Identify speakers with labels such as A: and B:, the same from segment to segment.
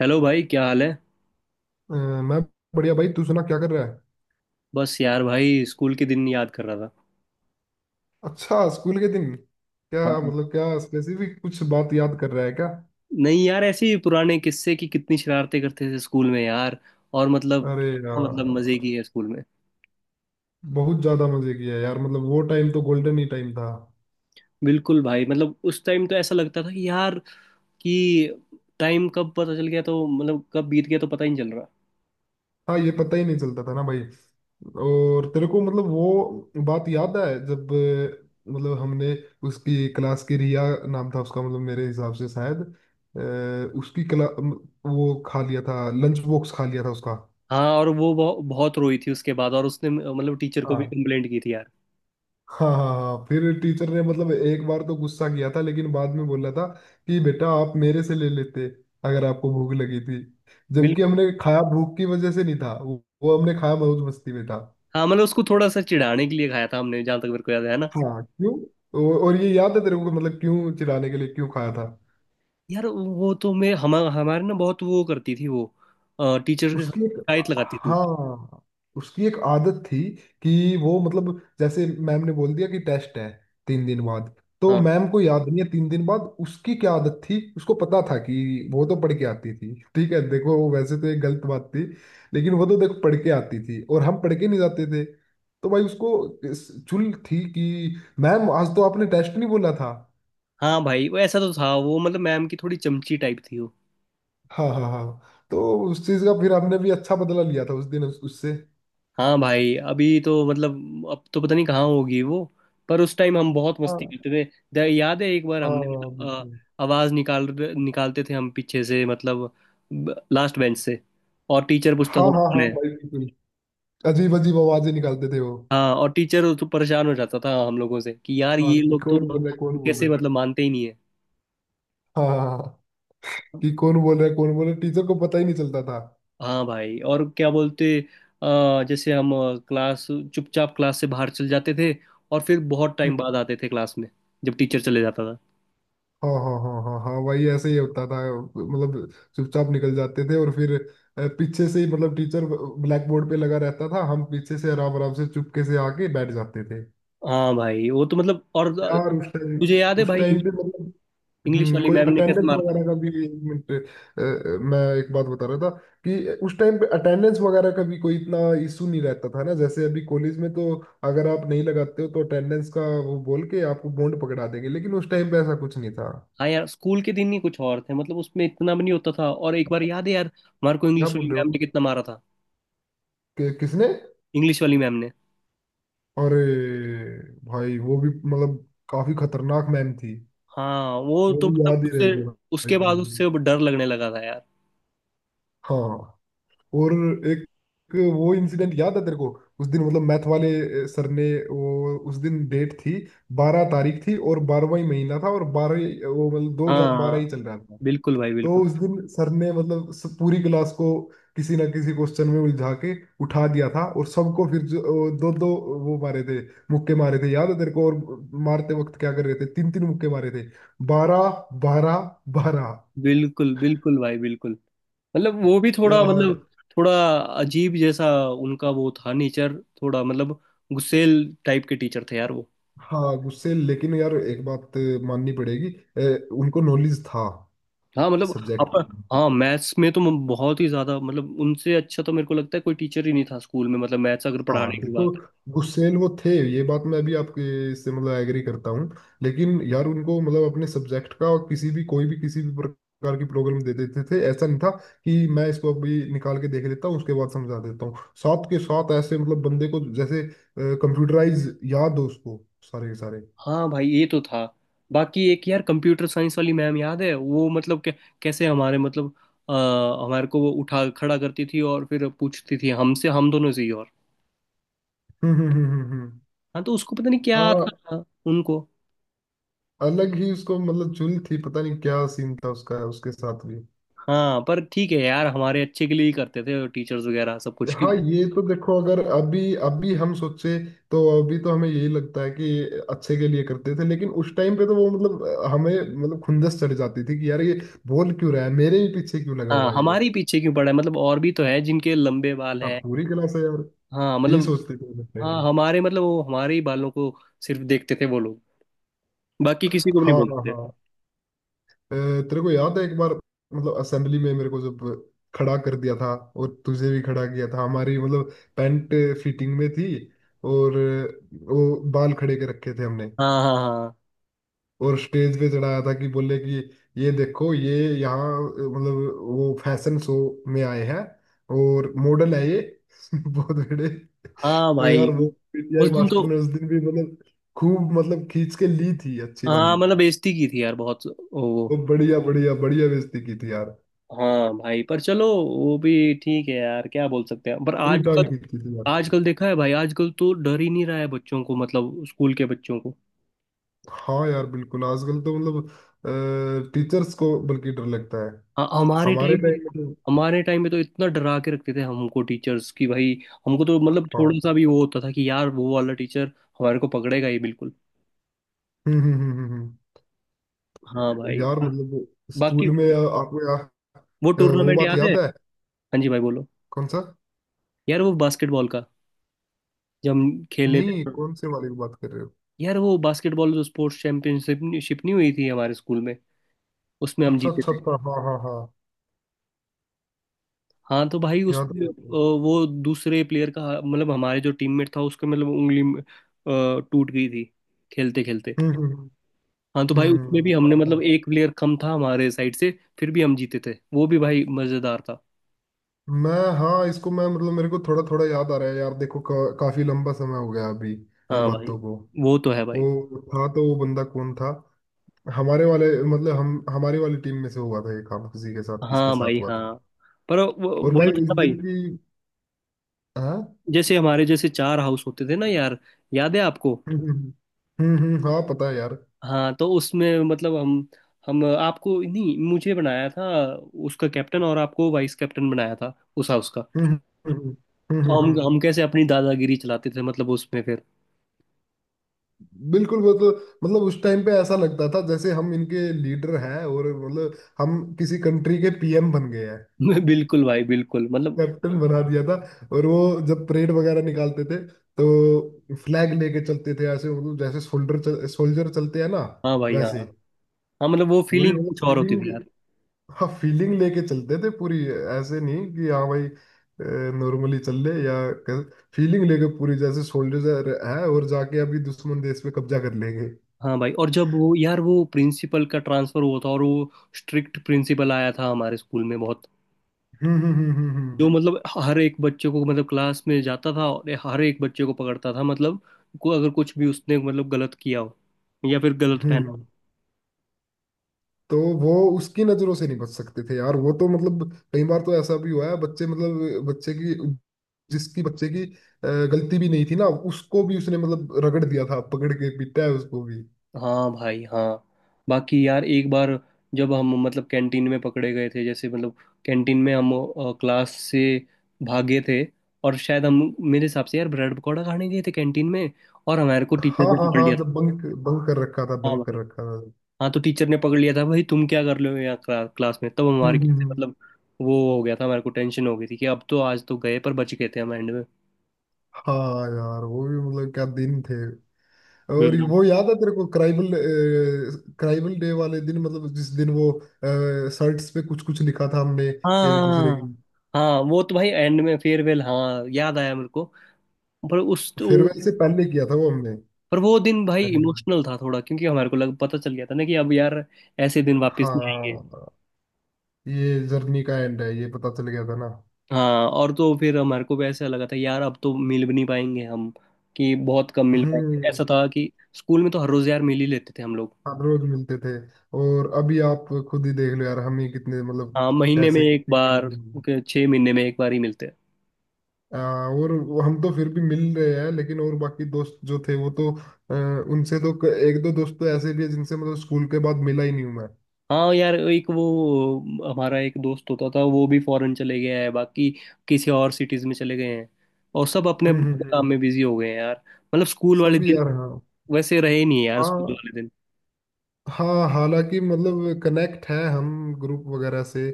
A: Hello भाई, क्या हाल है।
B: अ, मैं बढ़िया भाई। तू सुना, क्या कर रहा है?
A: बस यार भाई, स्कूल के दिन याद कर रहा था।
B: अच्छा, स्कूल के दिन? क्या?
A: हाँ।
B: मतलब, क्या स्पेसिफिक कुछ बात याद कर रहा है क्या?
A: नहीं यार, ऐसे ही पुराने किस्से की कितनी शरारतें करते थे स्कूल में यार। और मतलब
B: अरे
A: हाँ, मतलब मजे
B: यार,
A: की है स्कूल में।
B: बहुत ज्यादा मजे किया यार। मतलब वो टाइम तो गोल्डन ही टाइम था।
A: बिल्कुल भाई, मतलब उस टाइम तो ऐसा लगता था कि यार कि टाइम कब पता चल गया तो मतलब कब बीत गया तो पता ही नहीं चल रहा।
B: हाँ, ये पता ही नहीं चलता था ना भाई। और तेरे को मतलब वो बात याद है जब मतलब हमने उसकी क्लास की, रिया नाम था उसका मतलब मेरे हिसाब से शायद, अ, उसकी क्ला वो खा लिया था, लंच बॉक्स खा लिया था उसका।
A: हाँ, और वो बहुत रोई थी उसके बाद और उसने मतलब टीचर को भी
B: हाँ,
A: कंप्लेंट की थी यार।
B: हाँ, हाँ, हाँ, हाँ। फिर टीचर ने मतलब एक बार तो गुस्सा किया था लेकिन बाद में बोला था कि बेटा आप मेरे से ले लेते अगर आपको भूख लगी थी। जबकि
A: बिल्कुल।
B: हमने खाया भूख की वजह से नहीं था, वो हमने खाया मौज मस्ती में था।
A: हाँ मतलब उसको थोड़ा सा चिढ़ाने के लिए खाया था हमने, जहाँ तक मेरे को याद है ना।
B: हाँ, क्यों? और ये याद है तेरे को मतलब क्यों चिढ़ाने के लिए क्यों खाया था?
A: यार वो तो मैं हम हमारे ना बहुत वो करती थी वो, टीचर के साथ
B: उसकी एक,
A: शिकायत लगाती थी।
B: हाँ, उसकी एक आदत थी कि वो मतलब जैसे मैम ने बोल दिया कि टेस्ट है 3 दिन बाद, तो
A: हाँ।
B: मैम को याद नहीं है 3 दिन बाद उसकी क्या आदत थी, उसको पता था कि वो तो पढ़ के आती थी। ठीक है, देखो वो वैसे तो एक गलत बात थी लेकिन वो तो देखो पढ़ के आती थी और हम पढ़ के नहीं जाते थे। तो भाई उसको चुल थी कि मैम आज तो आपने टेस्ट नहीं बोला था।
A: हाँ भाई वो ऐसा तो था, वो मतलब मैम की थोड़ी चमची टाइप थी वो।
B: हाँ, हाँ, हाँ। तो उस चीज का फिर हमने भी अच्छा बदला लिया था उस दिन उससे।
A: हाँ भाई, अभी तो मतलब अब तो पता नहीं कहाँ होगी वो। पर उस टाइम हम बहुत मस्ती
B: हाँ,
A: करते थे। याद है एक बार हमने
B: हाँ,
A: मतलब
B: बिल्कुल।
A: आवाज निकालते थे हम पीछे से, मतलब लास्ट बेंच से। और टीचर पूछता
B: हाँ,
A: था
B: हाँ,
A: कौन
B: हाँ
A: है।
B: भाई, बिल्कुल। अजीब अजीब आवाजें निकालते थे वो।
A: हाँ, और टीचर तो परेशान हो जाता था हम लोगों से कि यार
B: हाँ,
A: ये
B: कि
A: लोग तो
B: कौन बोल रहा है कौन बोल
A: कैसे
B: रहा है।
A: मतलब मानते ही नहीं है।
B: हाँ, हाँ, हाँ, कि कौन बोल रहा है कौन बोल रहा है, टीचर को पता ही नहीं चलता था।
A: हाँ भाई और क्या बोलते। जैसे हम, क्लास, चुपचाप क्लास से बाहर चल जाते थे और फिर बहुत टाइम बाद
B: हम्म।
A: आते थे क्लास में, जब टीचर चले जाता था।
B: हाँ, हाँ, हाँ, हाँ, हाँ, वही ऐसे ही होता था मतलब चुपचाप निकल जाते थे और फिर पीछे से ही, मतलब टीचर ब्लैक बोर्ड पे लगा रहता था, हम पीछे से आराम आराम से चुपके से आके बैठ जाते थे।
A: हाँ भाई वो तो मतलब और
B: यार उस टाइम,
A: तुझे याद है
B: उस
A: भाई
B: टाइम पे मतलब
A: इंग्लिश वाली
B: कोई
A: मैम ने कैसे
B: अटेंडेंस
A: मारता।
B: वगैरह का भी। एक मिनट, मैं एक बात बता रहा था कि उस टाइम पे अटेंडेंस वगैरह का भी कोई इतना इशू नहीं रहता था ना जैसे अभी कॉलेज में तो अगर आप नहीं लगाते हो तो अटेंडेंस का वो बोल के आपको बॉन्ड पकड़ा देंगे, लेकिन उस टाइम पे ऐसा कुछ नहीं था।
A: हाँ यार, स्कूल के दिन ही कुछ और थे, मतलब उसमें इतना भी नहीं होता था। और एक बार याद है यार हमारे को
B: क्या
A: इंग्लिश वाली
B: बोल रहे
A: मैम ने
B: हो?
A: कितना मारा था।
B: कि, किसने?
A: इंग्लिश वाली मैम ने।
B: अरे भाई वो भी मतलब काफी खतरनाक मैम थी।
A: हाँ वो
B: वो
A: तो
B: भी
A: मतलब
B: याद ही
A: उससे,
B: रहेगी भाई
A: उसके
B: पूरी
A: बाद उससे
B: जिंदगी।
A: अब डर लगने लगा था यार।
B: हाँ, और एक वो इंसिडेंट याद है तेरे को? उस दिन मतलब मैथ वाले सर ने, वो उस दिन डेट थी 12 तारीख थी, और 12वां ही महीना था, और 12 वो मतलब 2012
A: हाँ
B: ही चल रहा था।
A: बिल्कुल भाई
B: तो
A: बिल्कुल।
B: उस दिन सर ने मतलब पूरी क्लास को किसी ना किसी क्वेश्चन में उलझा के उठा दिया था, और सबको फिर जो दो दो वो मारे थे, मुक्के मारे थे, याद है तेरे को? और मारते वक्त क्या कर रहे थे? तीन तीन मुक्के मारे थे। 12 12 12
A: बिल्कुल बिल्कुल भाई बिल्कुल, मतलब वो भी थोड़ा,
B: यार
A: मतलब थोड़ा अजीब जैसा उनका वो था नेचर, थोड़ा मतलब गुस्सेल टाइप के टीचर थे यार वो।
B: हाँ, गुस्से, लेकिन यार एक बात माननी पड़ेगी, उनको नॉलेज था
A: हाँ मतलब अप
B: सब्जेक्ट के।
A: हाँ, मैथ्स में तो मैं बहुत ही ज्यादा मतलब उनसे अच्छा तो मेरे को लगता है कोई टीचर ही नहीं था स्कूल में, मतलब मैथ्स अगर
B: हाँ,
A: पढ़ाने की
B: देखो
A: बात।
B: गुस्सेल वो थे, ये बात मैं भी आपके इससे मतलब एग्री करता हूँ, लेकिन यार उनको मतलब अपने सब्जेक्ट का, और किसी भी, कोई भी, किसी भी प्रकार की प्रॉब्लम दे देते थे ऐसा नहीं था कि मैं इसको अभी निकाल के देख लेता हूँ उसके बाद समझा देता हूँ, साथ के साथ ऐसे मतलब बंदे को जैसे कंप्यूटराइज याद हो उसको सारे के सारे।
A: हाँ भाई ये तो था। बाकी एक यार कंप्यूटर साइंस वाली मैम याद है वो, मतलब कैसे हमारे मतलब आ, हमारे को वो उठा खड़ा करती थी और फिर पूछती थी हमसे, हम दोनों से ही। और
B: हम्म, हम्म, हम्म, हम्म,
A: हाँ तो उसको पता नहीं क्या
B: हाँ,
A: था उनको।
B: अलग ही उसको मतलब चुल थी, पता नहीं क्या सीन था उसका उसके साथ भी।
A: हाँ पर ठीक है यार, हमारे अच्छे के लिए ही करते थे टीचर्स वगैरह, सब कुछ
B: हाँ,
A: क्यों।
B: ये तो देखो अगर अभी, अभी हम सोचे तो अभी तो हमें यही लगता है कि अच्छे के लिए करते थे, लेकिन उस टाइम पे तो वो मतलब हमें मतलब खुंदस चढ़ जाती थी कि यार ये बोल क्यों रहा है, मेरे ही पीछे क्यों लगा
A: हाँ,
B: हुआ है ये?
A: हमारे ही पीछे क्यों पड़ा है मतलब, और भी तो है जिनके लंबे बाल
B: हाँ,
A: हैं।
B: पूरी क्लास है यार।
A: हाँ
B: यही
A: मतलब
B: सोचते थे उस time
A: हाँ,
B: पे।
A: हमारे मतलब वो हमारे ही बालों को सिर्फ देखते थे वो लोग, बाकी किसी को भी नहीं
B: हाँ, हाँ,
A: बोलते थे।
B: हाँ, अ, तेरे को याद है एक बार मतलब असेंबली में मेरे को जब खड़ा कर दिया था और तुझे भी खड़ा किया था? हमारी मतलब पैंट फिटिंग में थी और वो बाल खड़े के रखे थे हमने,
A: हाँ हाँ हाँ।
B: और स्टेज पे चढ़ाया था कि बोले कि ये देखो, ये यहाँ मतलब वो फैशन शो में आए हैं और मॉडल है ये बहुत बड़े।
A: हाँ
B: तो
A: भाई,
B: यार वो पीटीआई
A: उस दिन तो।
B: मास्टर ने उस दिन भी मतलब खूब मतलब खींच के ली थी अच्छी
A: हाँ
B: वाली।
A: मतलब बेइज्जती की थी यार बहुत, वो।
B: वो बढ़िया बढ़िया बढ़िया बेइज्जती की थी यार।
A: हाँ भाई पर चलो वो भी ठीक है यार, क्या बोल सकते हैं। पर
B: पूरी टांग
A: आजकल,
B: खींची थी यार।
A: आजकल देखा है भाई, आजकल तो डर ही नहीं रहा है बच्चों को, मतलब स्कूल के बच्चों को।
B: हाँ यार बिल्कुल, आजकल तो मतलब टीचर्स को बल्कि डर लगता है।
A: हाँ, हमारे
B: हमारे
A: टाइम पे,
B: टाइम में तो
A: हमारे टाइम पे तो इतना डरा के रखते थे हमको टीचर्स की भाई। हमको तो मतलब
B: हाँ
A: थोड़ा सा भी वो होता था कि यार वो वाला टीचर हमारे को पकड़ेगा ही बिल्कुल।
B: हम्म, हम्म, हम्म,
A: हाँ भाई।
B: यार मतलब
A: बाकी
B: स्कूल में आपको या,
A: वो
B: वो
A: टूर्नामेंट
B: बात
A: याद है।
B: याद है?
A: हाँ जी भाई बोलो।
B: कौन सा?
A: यार वो बास्केटबॉल का जब हम खेले
B: नहीं,
A: थे।
B: कौन से वाले की बात कर रहे हो?
A: यार वो बास्केटबॉल जो स्पोर्ट्स चैंपियनशिप नहीं हुई थी हमारे स्कूल में, उसमें हम
B: अच्छा,
A: जीते
B: अच्छा,
A: थे।
B: अच्छा, हाँ, हाँ, हाँ।
A: हाँ तो भाई
B: याद है,
A: उसमें
B: याद है।
A: वो दूसरे प्लेयर का मतलब हमारे जो टीममेट था उसके मतलब उंगली में, टूट गई थी, खेलते खेलते।
B: हम्म, हम्म,
A: हाँ तो भाई
B: हम्म,
A: उसमें भी हमने
B: हाँ,
A: मतलब
B: हाँ।
A: एक प्लेयर कम था हमारे साइड से, फिर भी हम जीते थे। वो भी भाई मजेदार था।
B: मैं, हाँ, इसको मैं मतलब मेरे को थोड़ा थोड़ा याद आ रहा है यार, देखो का, काफी लंबा समय हो गया अभी उन
A: हाँ भाई।
B: बातों को।
A: वो तो है भाई।
B: वो था तो वो बंदा कौन था? हमारे वाले मतलब हम हमारी वाली टीम में से हुआ था ये काम किसी के साथ, किसके
A: हाँ भाई
B: साथ हुआ
A: हाँ।
B: था?
A: पर
B: और
A: वही
B: भाई
A: था
B: इस
A: ना भाई।
B: दिन की, हाँ।
A: जैसे हमारे जैसे चार हाउस होते थे ना यार, याद है आपको।
B: हम्म, हम्म, हाँ, पता है यार।
A: हाँ तो उसमें मतलब हम, आपको नहीं मुझे बनाया था उसका कैप्टन, और आपको वाइस कैप्टन बनाया था उस हाउस का।
B: हम्म, हम्म, हम्म,
A: तो हम हम कैसे अपनी दादागिरी चलाते थे मतलब उसमें फिर।
B: बिल्कुल, वो तो मतलब उस टाइम पे ऐसा लगता था जैसे हम इनके लीडर हैं, और मतलब हम किसी कंट्री के पीएम बन गए हैं।
A: बिल्कुल भाई बिल्कुल मतलब।
B: कैप्टन बना दिया था, और वो जब परेड वगैरह निकालते थे तो फ्लैग लेके चलते थे ऐसे मतलब जैसे सोल्जर चलते हैं ना
A: हाँ भाई हाँ।
B: वैसे।
A: हाँ मतलब वो
B: पूरी
A: फीलिंग
B: वो
A: कुछ और होती
B: फीलिंग,
A: थी यार।
B: हाँ फीलिंग लेके चलते थे पूरी। ऐसे नहीं कि हाँ भाई नॉर्मली चल ले, या फीलिंग लेके पूरी जैसे सोल्जर है, और जाके अभी दुश्मन देश पे कब्जा कर लेंगे।
A: हाँ भाई, और जब वो यार वो प्रिंसिपल का ट्रांसफर हुआ था और वो स्ट्रिक्ट प्रिंसिपल आया था हमारे स्कूल में बहुत,
B: हम्म, हम्म, हम्म,
A: जो
B: हम्म,
A: मतलब हर एक बच्चे को मतलब क्लास में जाता था और हर एक बच्चे को पकड़ता था, मतलब को अगर कुछ भी उसने मतलब गलत किया हो या फिर गलत
B: हम्म,
A: पहना
B: तो वो उसकी नजरों से नहीं बच सकते थे यार, वो तो मतलब कई बार तो ऐसा भी हुआ है बच्चे मतलब बच्चे की, जिसकी बच्चे की गलती भी नहीं थी ना, उसको भी उसने मतलब रगड़ दिया था, पकड़ के पीटा है उसको भी।
A: हो। हाँ भाई हाँ। बाकी यार एक बार जब हम मतलब कैंटीन में पकड़े गए थे, जैसे मतलब कैंटीन में हम क्लास से भागे थे, और शायद हम, मेरे हिसाब से यार ब्रेड पकौड़ा खाने गए थे कैंटीन में, और हमारे को टीचर
B: हाँ,
A: ने
B: हाँ,
A: पकड़
B: हाँ,
A: लिया था।
B: जब बंक, बंक कर रखा था,
A: हाँ
B: बंक
A: भाई।
B: कर रखा था।
A: हाँ तो टीचर ने पकड़ लिया था भाई, तुम क्या कर रहे हो यहाँ क्लास में, तब
B: हम्म,
A: हमारे
B: हम्म,
A: कैसे मतलब वो हो गया था, हमारे को टेंशन हो गई थी कि अब तो आज तो गए, पर बच गए थे हम एंड में।
B: हाँ यार, वो भी मतलब क्या दिन थे। और ये
A: हम्म।
B: वो याद है तेरे को, क्राइबल, क्राइबल डे वाले दिन मतलब जिस दिन वो शर्ट्स पे कुछ कुछ लिखा था हमने
A: हाँ
B: एक दूसरे की।
A: हाँ हाँ, वो तो भाई एंड में फेयरवेल, हाँ याद आया मेरे को। पर
B: फेयरवेल से पहले किया था वो हमने।
A: पर वो दिन भाई
B: अरे
A: इमोशनल था थोड़ा, क्योंकि हमारे को लग पता चल गया था ना कि अब यार ऐसे दिन वापस नहीं आएंगे।
B: हाँ, ये जर्नी का एंड है, ये पता चल गया था ना।
A: हाँ, और तो फिर हमारे को भी ऐसा लगा था यार अब तो मिल भी नहीं पाएंगे हम, कि बहुत कम मिल पाएंगे।
B: हम्म,
A: ऐसा था कि स्कूल में तो हर रोज यार मिल ही लेते थे हम लोग।
B: हर रोज मिलते थे, और अभी आप खुद ही देख लो यार, हम ही कितने मतलब
A: हाँ, महीने में
B: कैसे,
A: एक
B: कितने कितने
A: बार
B: दिन हो गए।
A: के छः महीने में एक बार ही मिलते हैं।
B: हाँ, और हम तो फिर भी मिल रहे हैं, लेकिन और बाकी दोस्त जो थे वो तो अ, उनसे तो एक दो दोस्त तो ऐसे भी है जिनसे मतलब स्कूल के बाद मिला ही नहीं हूं मैं।
A: हाँ यार एक वो हमारा एक दोस्त होता था, वो भी फॉरेन चले गया है, बाकी किसी और सिटीज में चले गए हैं, और सब अपने
B: हम्म, हम्म,
A: अपने काम में बिजी हो गए हैं यार। मतलब स्कूल वाले
B: सब
A: दिन
B: यार, हाँ।
A: वैसे रहे नहीं यार, स्कूल
B: हाँ,
A: वाले दिन।
B: हाँ, हालांकि मतलब कनेक्ट है हम ग्रुप वगैरह से,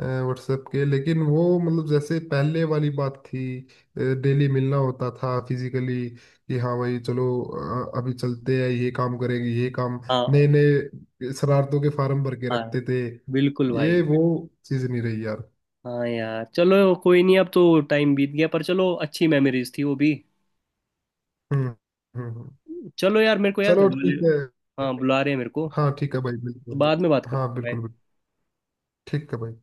B: व्हाट्सएप के, लेकिन वो मतलब जैसे पहले वाली बात थी डेली मिलना होता था फिजिकली, कि हाँ भाई चलो अभी चलते हैं, ये काम करेंगे, ये काम। नए
A: हाँ।
B: नए शरारतों के फार्म भर के
A: हाँ
B: रखते थे।
A: बिल्कुल भाई।
B: ये वो चीज़ नहीं रही यार।
A: हाँ यार चलो, कोई नहीं, अब तो टाइम बीत गया, पर चलो अच्छी मेमोरीज थी वो भी।
B: हम्म, हम्म,
A: चलो यार, मेरे को यार
B: चलो
A: घर वाले
B: ठीक है,
A: हाँ बुला रहे हैं मेरे को,
B: हाँ ठीक है भाई,
A: तो
B: बिल्कुल।
A: बाद में बात
B: हाँ,
A: करते हैं।
B: बिल्कुल, बिल्कुल ठीक है भाई।